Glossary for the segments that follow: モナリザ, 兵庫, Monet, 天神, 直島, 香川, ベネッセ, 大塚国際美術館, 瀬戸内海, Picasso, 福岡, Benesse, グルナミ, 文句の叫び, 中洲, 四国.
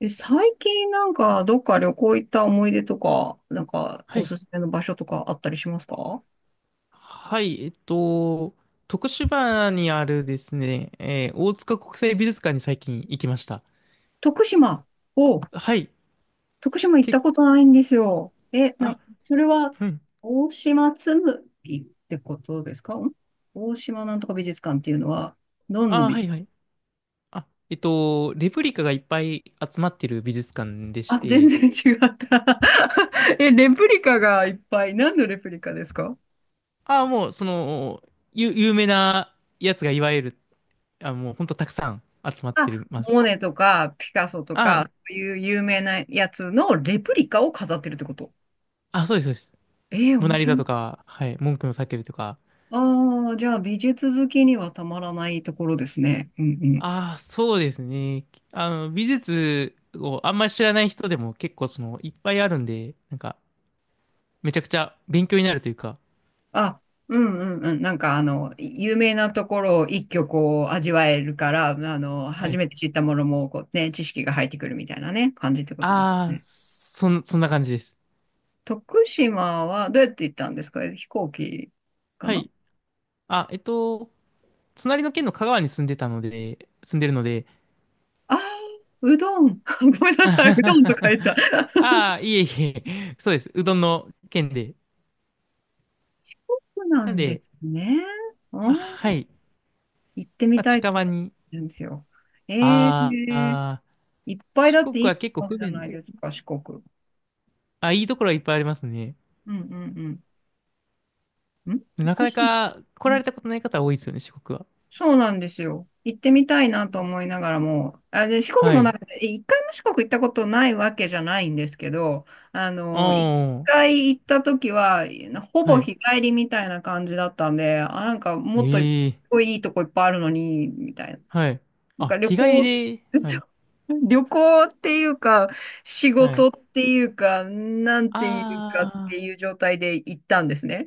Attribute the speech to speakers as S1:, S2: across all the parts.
S1: 最近なんかどっか旅行行った思い出とか、なんか
S2: は
S1: お
S2: い。
S1: すすめの場所とかあったりしますか？
S2: はい。えっと、徳島にあるですね、大塚国際美術館に最近行きました。
S1: 徳島。お、
S2: はい。
S1: 徳島行った
S2: け、
S1: ことないんですよ。
S2: あ、
S1: それは
S2: うん。
S1: 大島紬ってことですかん？大島なんとか美術館っていうのは、どんの
S2: は
S1: 美、
S2: いはい。レプリカがいっぱい集まってる美術館で し
S1: あ、全
S2: て、
S1: 然違った。 え、レプリカがいっぱい。何のレプリカですか？
S2: あ、もう、その、ゆ、有名なやつがいわゆる、もう、ほんとたくさん集まって
S1: あ、
S2: る、
S1: モネとかピカソと
S2: あ、
S1: か、そういう有名なやつのレプリカを飾ってるってこと？
S2: そうです、そうです。
S1: ええ、
S2: モ
S1: 面
S2: ナリ
S1: 白
S2: ザ
S1: い。
S2: とか、はい、文句の叫びとか、
S1: ああ、じゃあ美術好きにはたまらないところですね。うんうん。
S2: そうですね。あの、美術をあんまり知らない人でも結構その、いっぱいあるんで、なんか、めちゃくちゃ勉強になるというか。
S1: あ、うんうんうん。有名なところを一挙こう味わえるから、あの、
S2: は
S1: 初
S2: い。
S1: めて知ったものもこうね、知識が入ってくるみたいなね、感じってことですね。
S2: そんな感じです。
S1: 徳島はどうやって行ったんですか？飛行機か
S2: は
S1: な？
S2: い。あ、えっと、隣の県の香川に住んでるので、
S1: ああ、うどん。ごめん なさい、うどん
S2: あ
S1: と書いた。
S2: あ、いえいえ、そうです。うどんの県で。
S1: そうな
S2: なん
S1: んで
S2: で、
S1: すね。うん、
S2: はい。
S1: 行ってみ
S2: まあ、
S1: たい
S2: 近
S1: と思っ
S2: 場に。
S1: てるんですよ。ええ、
S2: あーあー、
S1: いっぱい
S2: 四
S1: だっ
S2: 国
S1: ていい
S2: は
S1: と
S2: 結構
S1: こあ
S2: 不
S1: るじゃな
S2: 便
S1: い
S2: で。
S1: ですか、四国。
S2: あ、いいところはいっぱいありますね。
S1: うんうんうん。ん、
S2: なか
S1: 徳
S2: な
S1: 島、
S2: か来
S1: う
S2: ら
S1: ん、
S2: れたことない方多いですよね、四国は。
S1: そうなんですよ。行ってみたいなと思いながらも、四国
S2: は
S1: の
S2: い。
S1: 中で、一回も四国行ったことないわけじゃないんですけど、あ
S2: あ
S1: の、一
S2: あ、
S1: 回行った時は、ほ
S2: は
S1: ぼ
S2: い。
S1: 日帰りみたいな感じだったんで、あ、なんかもっとい
S2: ええ、
S1: いとこいっぱいあるのに、みたいな。
S2: はい。
S1: なんか
S2: あ、
S1: 旅
S2: 日帰
S1: 行、
S2: りで、はい、
S1: 旅行っていうか、仕
S2: はい。
S1: 事っていうか、なんていうかって
S2: あ
S1: いう状態で行ったんですね。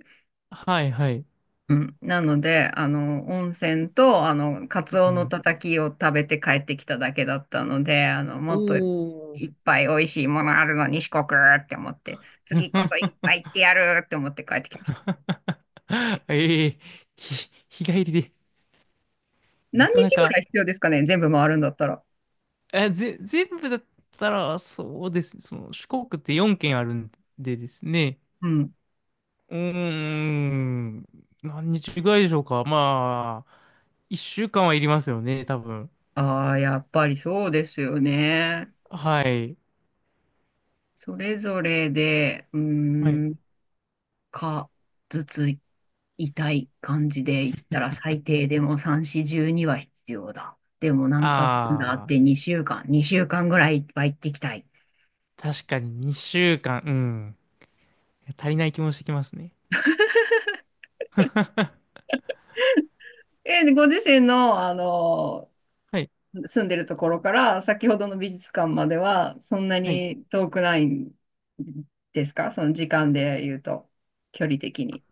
S2: あ、はい、はい。
S1: うん。なので、あの、温泉と、あの、カ
S2: う
S1: ツオの
S2: ん。
S1: たたきを食べて帰ってきただけだったので、あの、
S2: お
S1: もっとい
S2: お。
S1: っぱい美味しいものあるのに四国って思って、次こそいっぱ い行ってやるって思って帰ってきました。
S2: ええ、日帰りで、な
S1: 何
S2: かな
S1: 日ぐらい
S2: か、
S1: 必要ですかね、全部回るんだったら。
S2: 全部だったら、そうですね。その、四国って4県あるんですね。
S1: うん。
S2: うーん、何日ぐらいでしょうか。まあ、一週間はいりますよね、多分。
S1: ああ、やっぱりそうですよね。
S2: はい。
S1: それぞれで、
S2: はい。
S1: か、ずつ痛い感じで言ったら最低でも3、4、12は必要だ。でもなんかなんだあ
S2: あ
S1: っ
S2: あ、
S1: て2週間ぐらいは行ってきたい。
S2: 確かに2週間、うん。足りない気もしてきますね。
S1: えー、ご自身の、あの、
S2: はい。
S1: 住んでるところから先ほどの美術館まではそんな
S2: はい。
S1: に遠くないんですか、その時間で言うと、距離的に。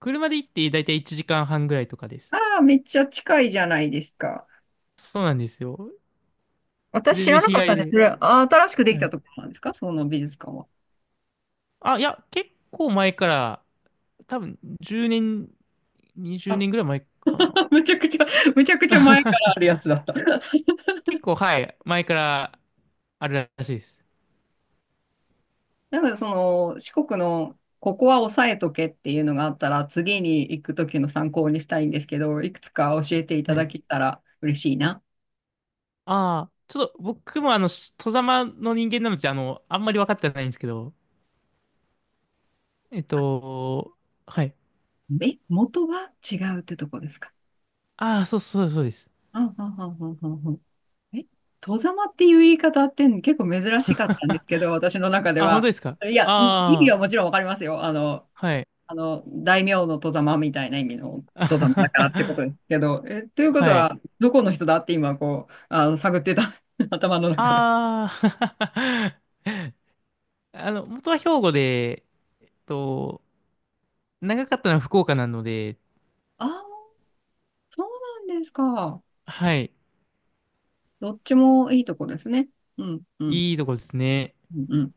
S2: 車で行ってだいたい1時間半ぐらいとかです。
S1: ああ、めっちゃ近いじゃないですか。
S2: そうなんですよ。
S1: 私
S2: 全
S1: 知ら
S2: 然
S1: な
S2: 日
S1: かっ
S2: 帰
S1: たんで
S2: り
S1: す。
S2: で。
S1: それ、あ、新しくでき
S2: は
S1: た
S2: い。
S1: ところなんですか、その美術館は。
S2: あ、いや、結構前から、多分10年、20
S1: あ、
S2: 年ぐらい前かな。
S1: むちゃくちゃ、むちゃくちゃ前からあるやつ だった。
S2: 結構、はい。前からあるらしいです。
S1: なんかその、四国の、ここは押さえとけっていうのがあったら、次に行くときの参考にしたいんですけど、いくつか教えていた
S2: は
S1: だ
S2: い。
S1: けたら嬉しいな。
S2: ああ、ちょっと僕もあの、外様の人間なので、あの、あんまり分かってないんですけど、えっと、はい。
S1: え、元は違うってとこですか？
S2: そうです。
S1: あははははは。え、外様っていう言い方って結構珍しかったんですけ ど、私の中で
S2: あ、本当
S1: は。
S2: ですか？
S1: いや、意味
S2: ああ、
S1: はもちろんわかりますよ。あの、
S2: はい。
S1: あの、大名の外様みたいな意味の
S2: あ
S1: 外様だ
S2: は
S1: からってことで
S2: は
S1: すけど、え、ということ
S2: はい。
S1: は、どこの人だって今、こう、あの、探ってた、頭の中で。
S2: ああ、あの、元は兵庫で、えっと、長かったのは福岡なので、
S1: ああ、そうなんですか。
S2: はい。
S1: どっちもいいとこですね。うん、うん、
S2: いいとこですね。
S1: うん、うん。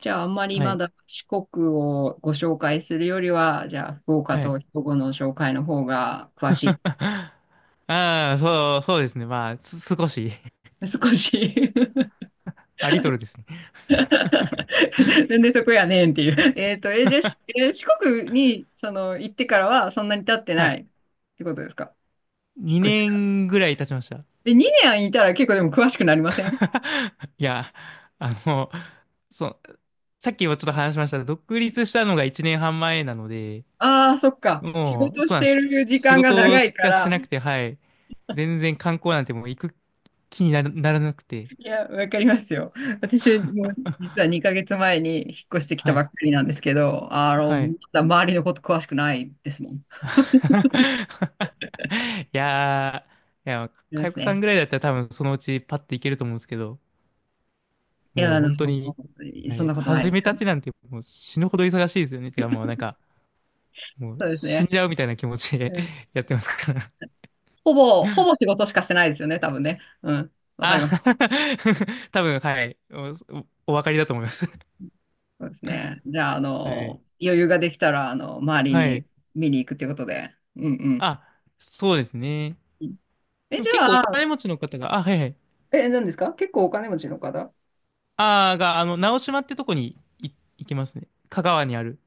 S1: じゃあ、あんまり
S2: は
S1: ま
S2: い。
S1: だ四国をご紹介するよりは、じゃあ、福岡
S2: はい。
S1: と兵庫の紹介の方が詳し
S2: そうですね。まあ、少し
S1: い。少し
S2: あ、リトルですね。
S1: なんでそこやねんっていう。じゃあ、しえー四国に、その、行ってからはそんなに経って
S2: は
S1: な
S2: い。
S1: いってことですか？引っ越して
S2: 2
S1: から。
S2: 年ぐらい経ちました。
S1: で、2年いたら結構でも詳しくなりません？
S2: いや、あの、そう、さっきもちょっと話しましたが、独立したのが1年半前なので、
S1: ああー、そっか。仕
S2: もう、
S1: 事
S2: そう
S1: し
S2: なんで
S1: て
S2: す。
S1: る時
S2: 仕
S1: 間が
S2: 事
S1: 長
S2: し
S1: いか
S2: かして
S1: ら。
S2: なくて、はい。全然観光なんてもう行く気にならなくて、
S1: いや、わかりますよ。私も実は2ヶ月前に引っ越してきた
S2: は
S1: ばっ
S2: い。
S1: かりなんですけど、あの、
S2: は
S1: ま
S2: い。
S1: だ周りのこと詳しくないですもん。あ
S2: いやいや、
S1: りま
S2: かよ
S1: す
S2: こさん
S1: ね。
S2: ぐらいだったら多分そのうちパッて行けると思うんですけど、
S1: いや、
S2: もう
S1: あの、
S2: 本当に、は
S1: そん
S2: い、
S1: なことない
S2: 始
S1: で
S2: め
S1: す
S2: た
S1: よ。
S2: てなんてもう死ぬほど忙しいですよね。もうなんか、もう
S1: そうです
S2: 死ん
S1: ね。
S2: じゃうみたいな気持ちで やってますから。
S1: ほぼ仕事しかしてないですよね、多分ね。うん。わかり
S2: あ、
S1: ます。
S2: 多分、はい。おお分かりだと思います。
S1: そうですね。じゃあ、あ
S2: はい。
S1: の、余裕ができたら、あの、周り
S2: は
S1: に
S2: い。
S1: 見に行くっていうことで。うんうん。
S2: あ、そうですね。
S1: え、
S2: でも
S1: じ
S2: 結構
S1: ゃ
S2: お
S1: あ、
S2: 金持ちの方が、あ、はいはい。
S1: え、何ですか結構お金持ちの方？
S2: あーが、あの、直島ってとこに行きますね。香川にある。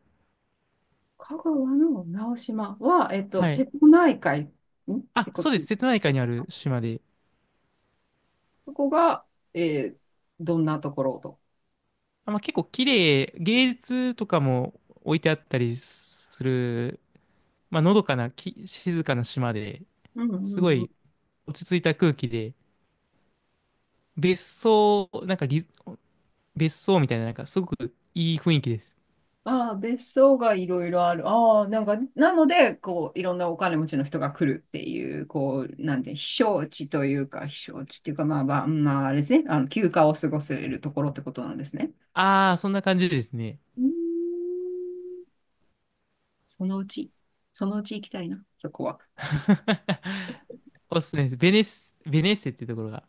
S1: 香川の直島は、えっと、
S2: は
S1: 瀬
S2: い。
S1: 戸内海んって
S2: あ、
S1: こ
S2: そう
S1: と
S2: です。瀬戸内海
S1: で、
S2: にある島で。
S1: そこが、えーどんなところと。
S2: あ、まあ、結構綺麗、芸術とかも置いてあったりする、まあ、のどかな、き、静かな島で、
S1: うん
S2: すご
S1: うん、
S2: い落ち着いた空気で、別荘、なんかリ、別荘みたいな、なんかすごくいい雰囲気です。
S1: ああ、別荘がいろいろある。ああ、なんか、なので、こう、いろんなお金持ちの人が来るっていう、こう、なんて、避暑地というか、避暑地っていうか、まあまあ、まあ、あれですね、あの、休暇を過ごせるところってことなんですね。
S2: ああ、そんな感じですね。
S1: うーん、そのうち、そのうち行きたいな、そこは。
S2: おすすめです。ベネッセってところが、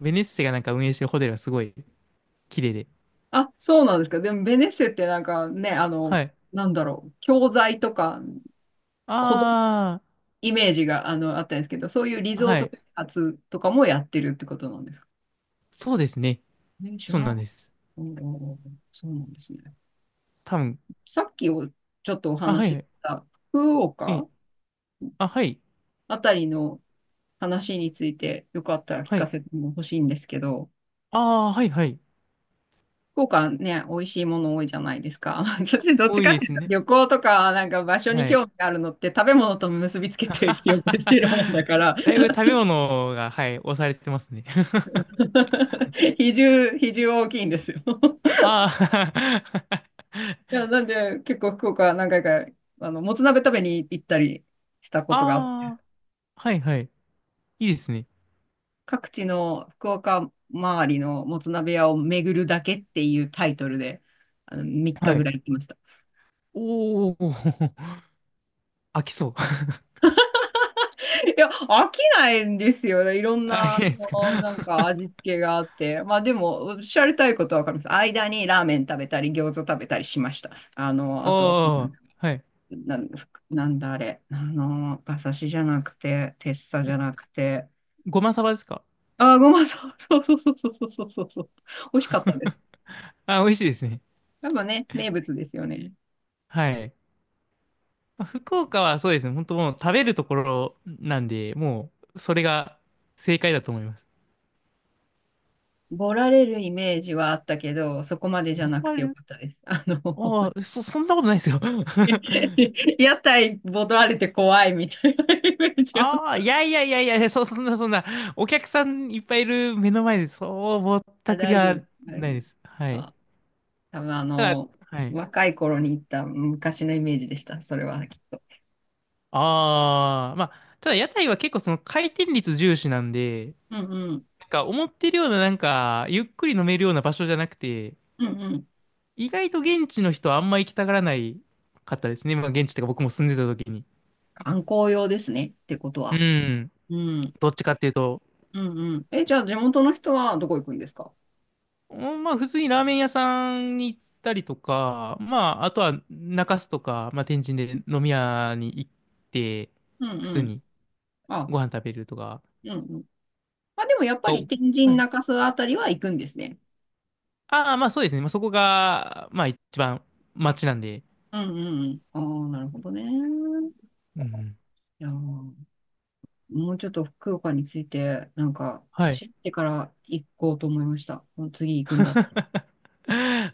S2: ベネッセがなんか運営してるホテルはすごい綺麗で。
S1: あ、そうなんですか。でも、ベネッセってなんかね、あの、
S2: はい。
S1: なんだろう、教材とか、子供
S2: あ
S1: イメージが、あの、あったんですけど、そういうリ
S2: あ、
S1: ゾー
S2: は
S1: ト
S2: い。
S1: 開発とかもやってるってことなんですか？
S2: そうですね。
S1: ね、知ら
S2: そう
S1: な
S2: なん
S1: かっ
S2: です。
S1: た。うんうんうん、そうなんですね。
S2: 多分。
S1: さっきをちょっとお
S2: あ、は
S1: 話し
S2: い
S1: し
S2: はい。
S1: た福
S2: え、
S1: 岡
S2: あ、はい。
S1: あたりの話についてよかったら聞
S2: は
S1: か
S2: い。
S1: せても欲しいんですけど、
S2: ああ、はいはい。
S1: 福岡ね、美味しいもの多いじゃないですか。私どっち
S2: 多い
S1: かっ
S2: で
S1: てい
S2: す
S1: うと
S2: ね。
S1: 旅行とかなんか場所に
S2: はい。
S1: 興味があるのって食べ物と結びつけて記憶してるもんだ から、
S2: だいぶ食べ物が、はい、押されてますね。
S1: 比重大きいんですよ。
S2: ああ、
S1: い や、なんで結構福岡何回かあの、もつ鍋食べに行ったりしたことがあ
S2: ああ、はいはい。いいですね。
S1: 各地の福岡周りのもつ鍋屋を巡るだけっていうタイトルで、あの、3
S2: は
S1: 日ぐ
S2: い。
S1: らい行きました。
S2: おお、飽きそう。
S1: いや、飽きないんですよね。いろん
S2: あ、い
S1: な、
S2: い
S1: あ
S2: ですか。
S1: の なんか味付けがあって。まあでも、おっしゃりたいことはわかります。間にラーメン食べたり、餃子食べたりしました。あの、
S2: お
S1: あと、
S2: お、はい。
S1: な、なんだあれ。あの、馬刺しじゃなくて、てっさじ
S2: え
S1: ゃなくて、
S2: ごまさばですか？
S1: あー、ごま、そうそうそうそうそうそうそうそう。美味しかったです。
S2: あ、美味しいですね。
S1: 多分ね、名物ですよね。
S2: はい。まあ福岡はそうですね。本当もう食べるところなんで、もう、それが正解だと思います。
S1: ボラれるイメージはあったけど、そこまでじゃ
S2: ボ
S1: なく
S2: カ
S1: てよ
S2: ル？
S1: かったです。あの、
S2: ああ、そんなことないですよ。
S1: 屋台ボラれて怖いみたいなイメージは。
S2: ああ、いやいやいやいや、そ、そんなそんな、お客さんいっぱいいる目の前で、そう、ぼった
S1: あ、
S2: くり
S1: 大丈夫で
S2: は
S1: す。大
S2: な
S1: 丈
S2: い
S1: 夫
S2: で
S1: です。
S2: す。はい。
S1: あ、多分あ
S2: ただ、
S1: の、
S2: はい。
S1: 若い頃に行った昔のイメージでした。それはきっと。
S2: ああ、まあ、ただ屋台は結構その回転率重視なんで、
S1: うんうん。
S2: なんか思ってるようななんか、ゆっくり飲めるような場所じゃなくて、
S1: うんうん。
S2: 意外と現地の人はあんま行きたがらないかったですね。まあ現地とか僕も住んでた時に。
S1: 観光用ですね。ってこと
S2: う
S1: は。
S2: ん。
S1: うん。
S2: どっちかっていうと、
S1: うんうん。え、じゃあ地元の人はどこ行くんですか？
S2: うん普通にラーメン屋さんに行ったりとか、まああとは中洲とか、まあ天神で飲み屋に行って、
S1: うん
S2: 普
S1: う
S2: 通
S1: ん。
S2: に
S1: あ、
S2: ご飯食べるとか
S1: うんうん。まあでもやっぱ
S2: が多
S1: り
S2: く。
S1: 天神中洲あたりは行くんですね。
S2: ああ、まあそうですね。まあ、そこが、まあ一番街なんで。
S1: うんうんうん。ああ、なるほどね。い
S2: うんうん。
S1: やー、もうちょっと福岡について、なんか、
S2: はい。
S1: 知ってから行こうと思いました。もう次行くんだ。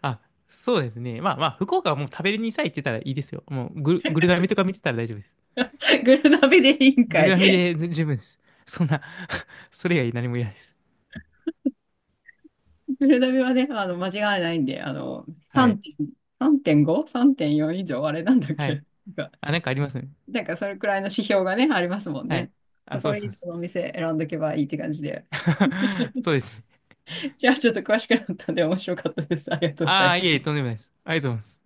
S2: あ、そうですね。まあまあ、福岡はもう食べれにさえ行ってたらいいですよ。もうグルナミとか見てたら大丈夫です。
S1: グルナビでいいん
S2: グ
S1: か
S2: ル
S1: い。
S2: ナミ で十分です。そんな それ以外何もいらないです。
S1: グルナビはね、あの、間違いないんで、あの、
S2: はい。
S1: 3点、3.5? 3.4以上あれなんだっ
S2: はい。
S1: けなんか、
S2: あ、なんかありますね。
S1: なんかそれくらいの指標がね、ありますもん
S2: はい。
S1: ね。そ
S2: あ、そう
S1: こ
S2: です。そう
S1: に
S2: で
S1: このお
S2: す。
S1: 店選んどけばいいって感じで。
S2: そうです？
S1: じゃあちょっと詳しくなったんで面白かったです。ありがとうござ
S2: あ
S1: い
S2: あ、い
S1: ま
S2: えい
S1: す。
S2: え、とんでもないです。ありがとうございます。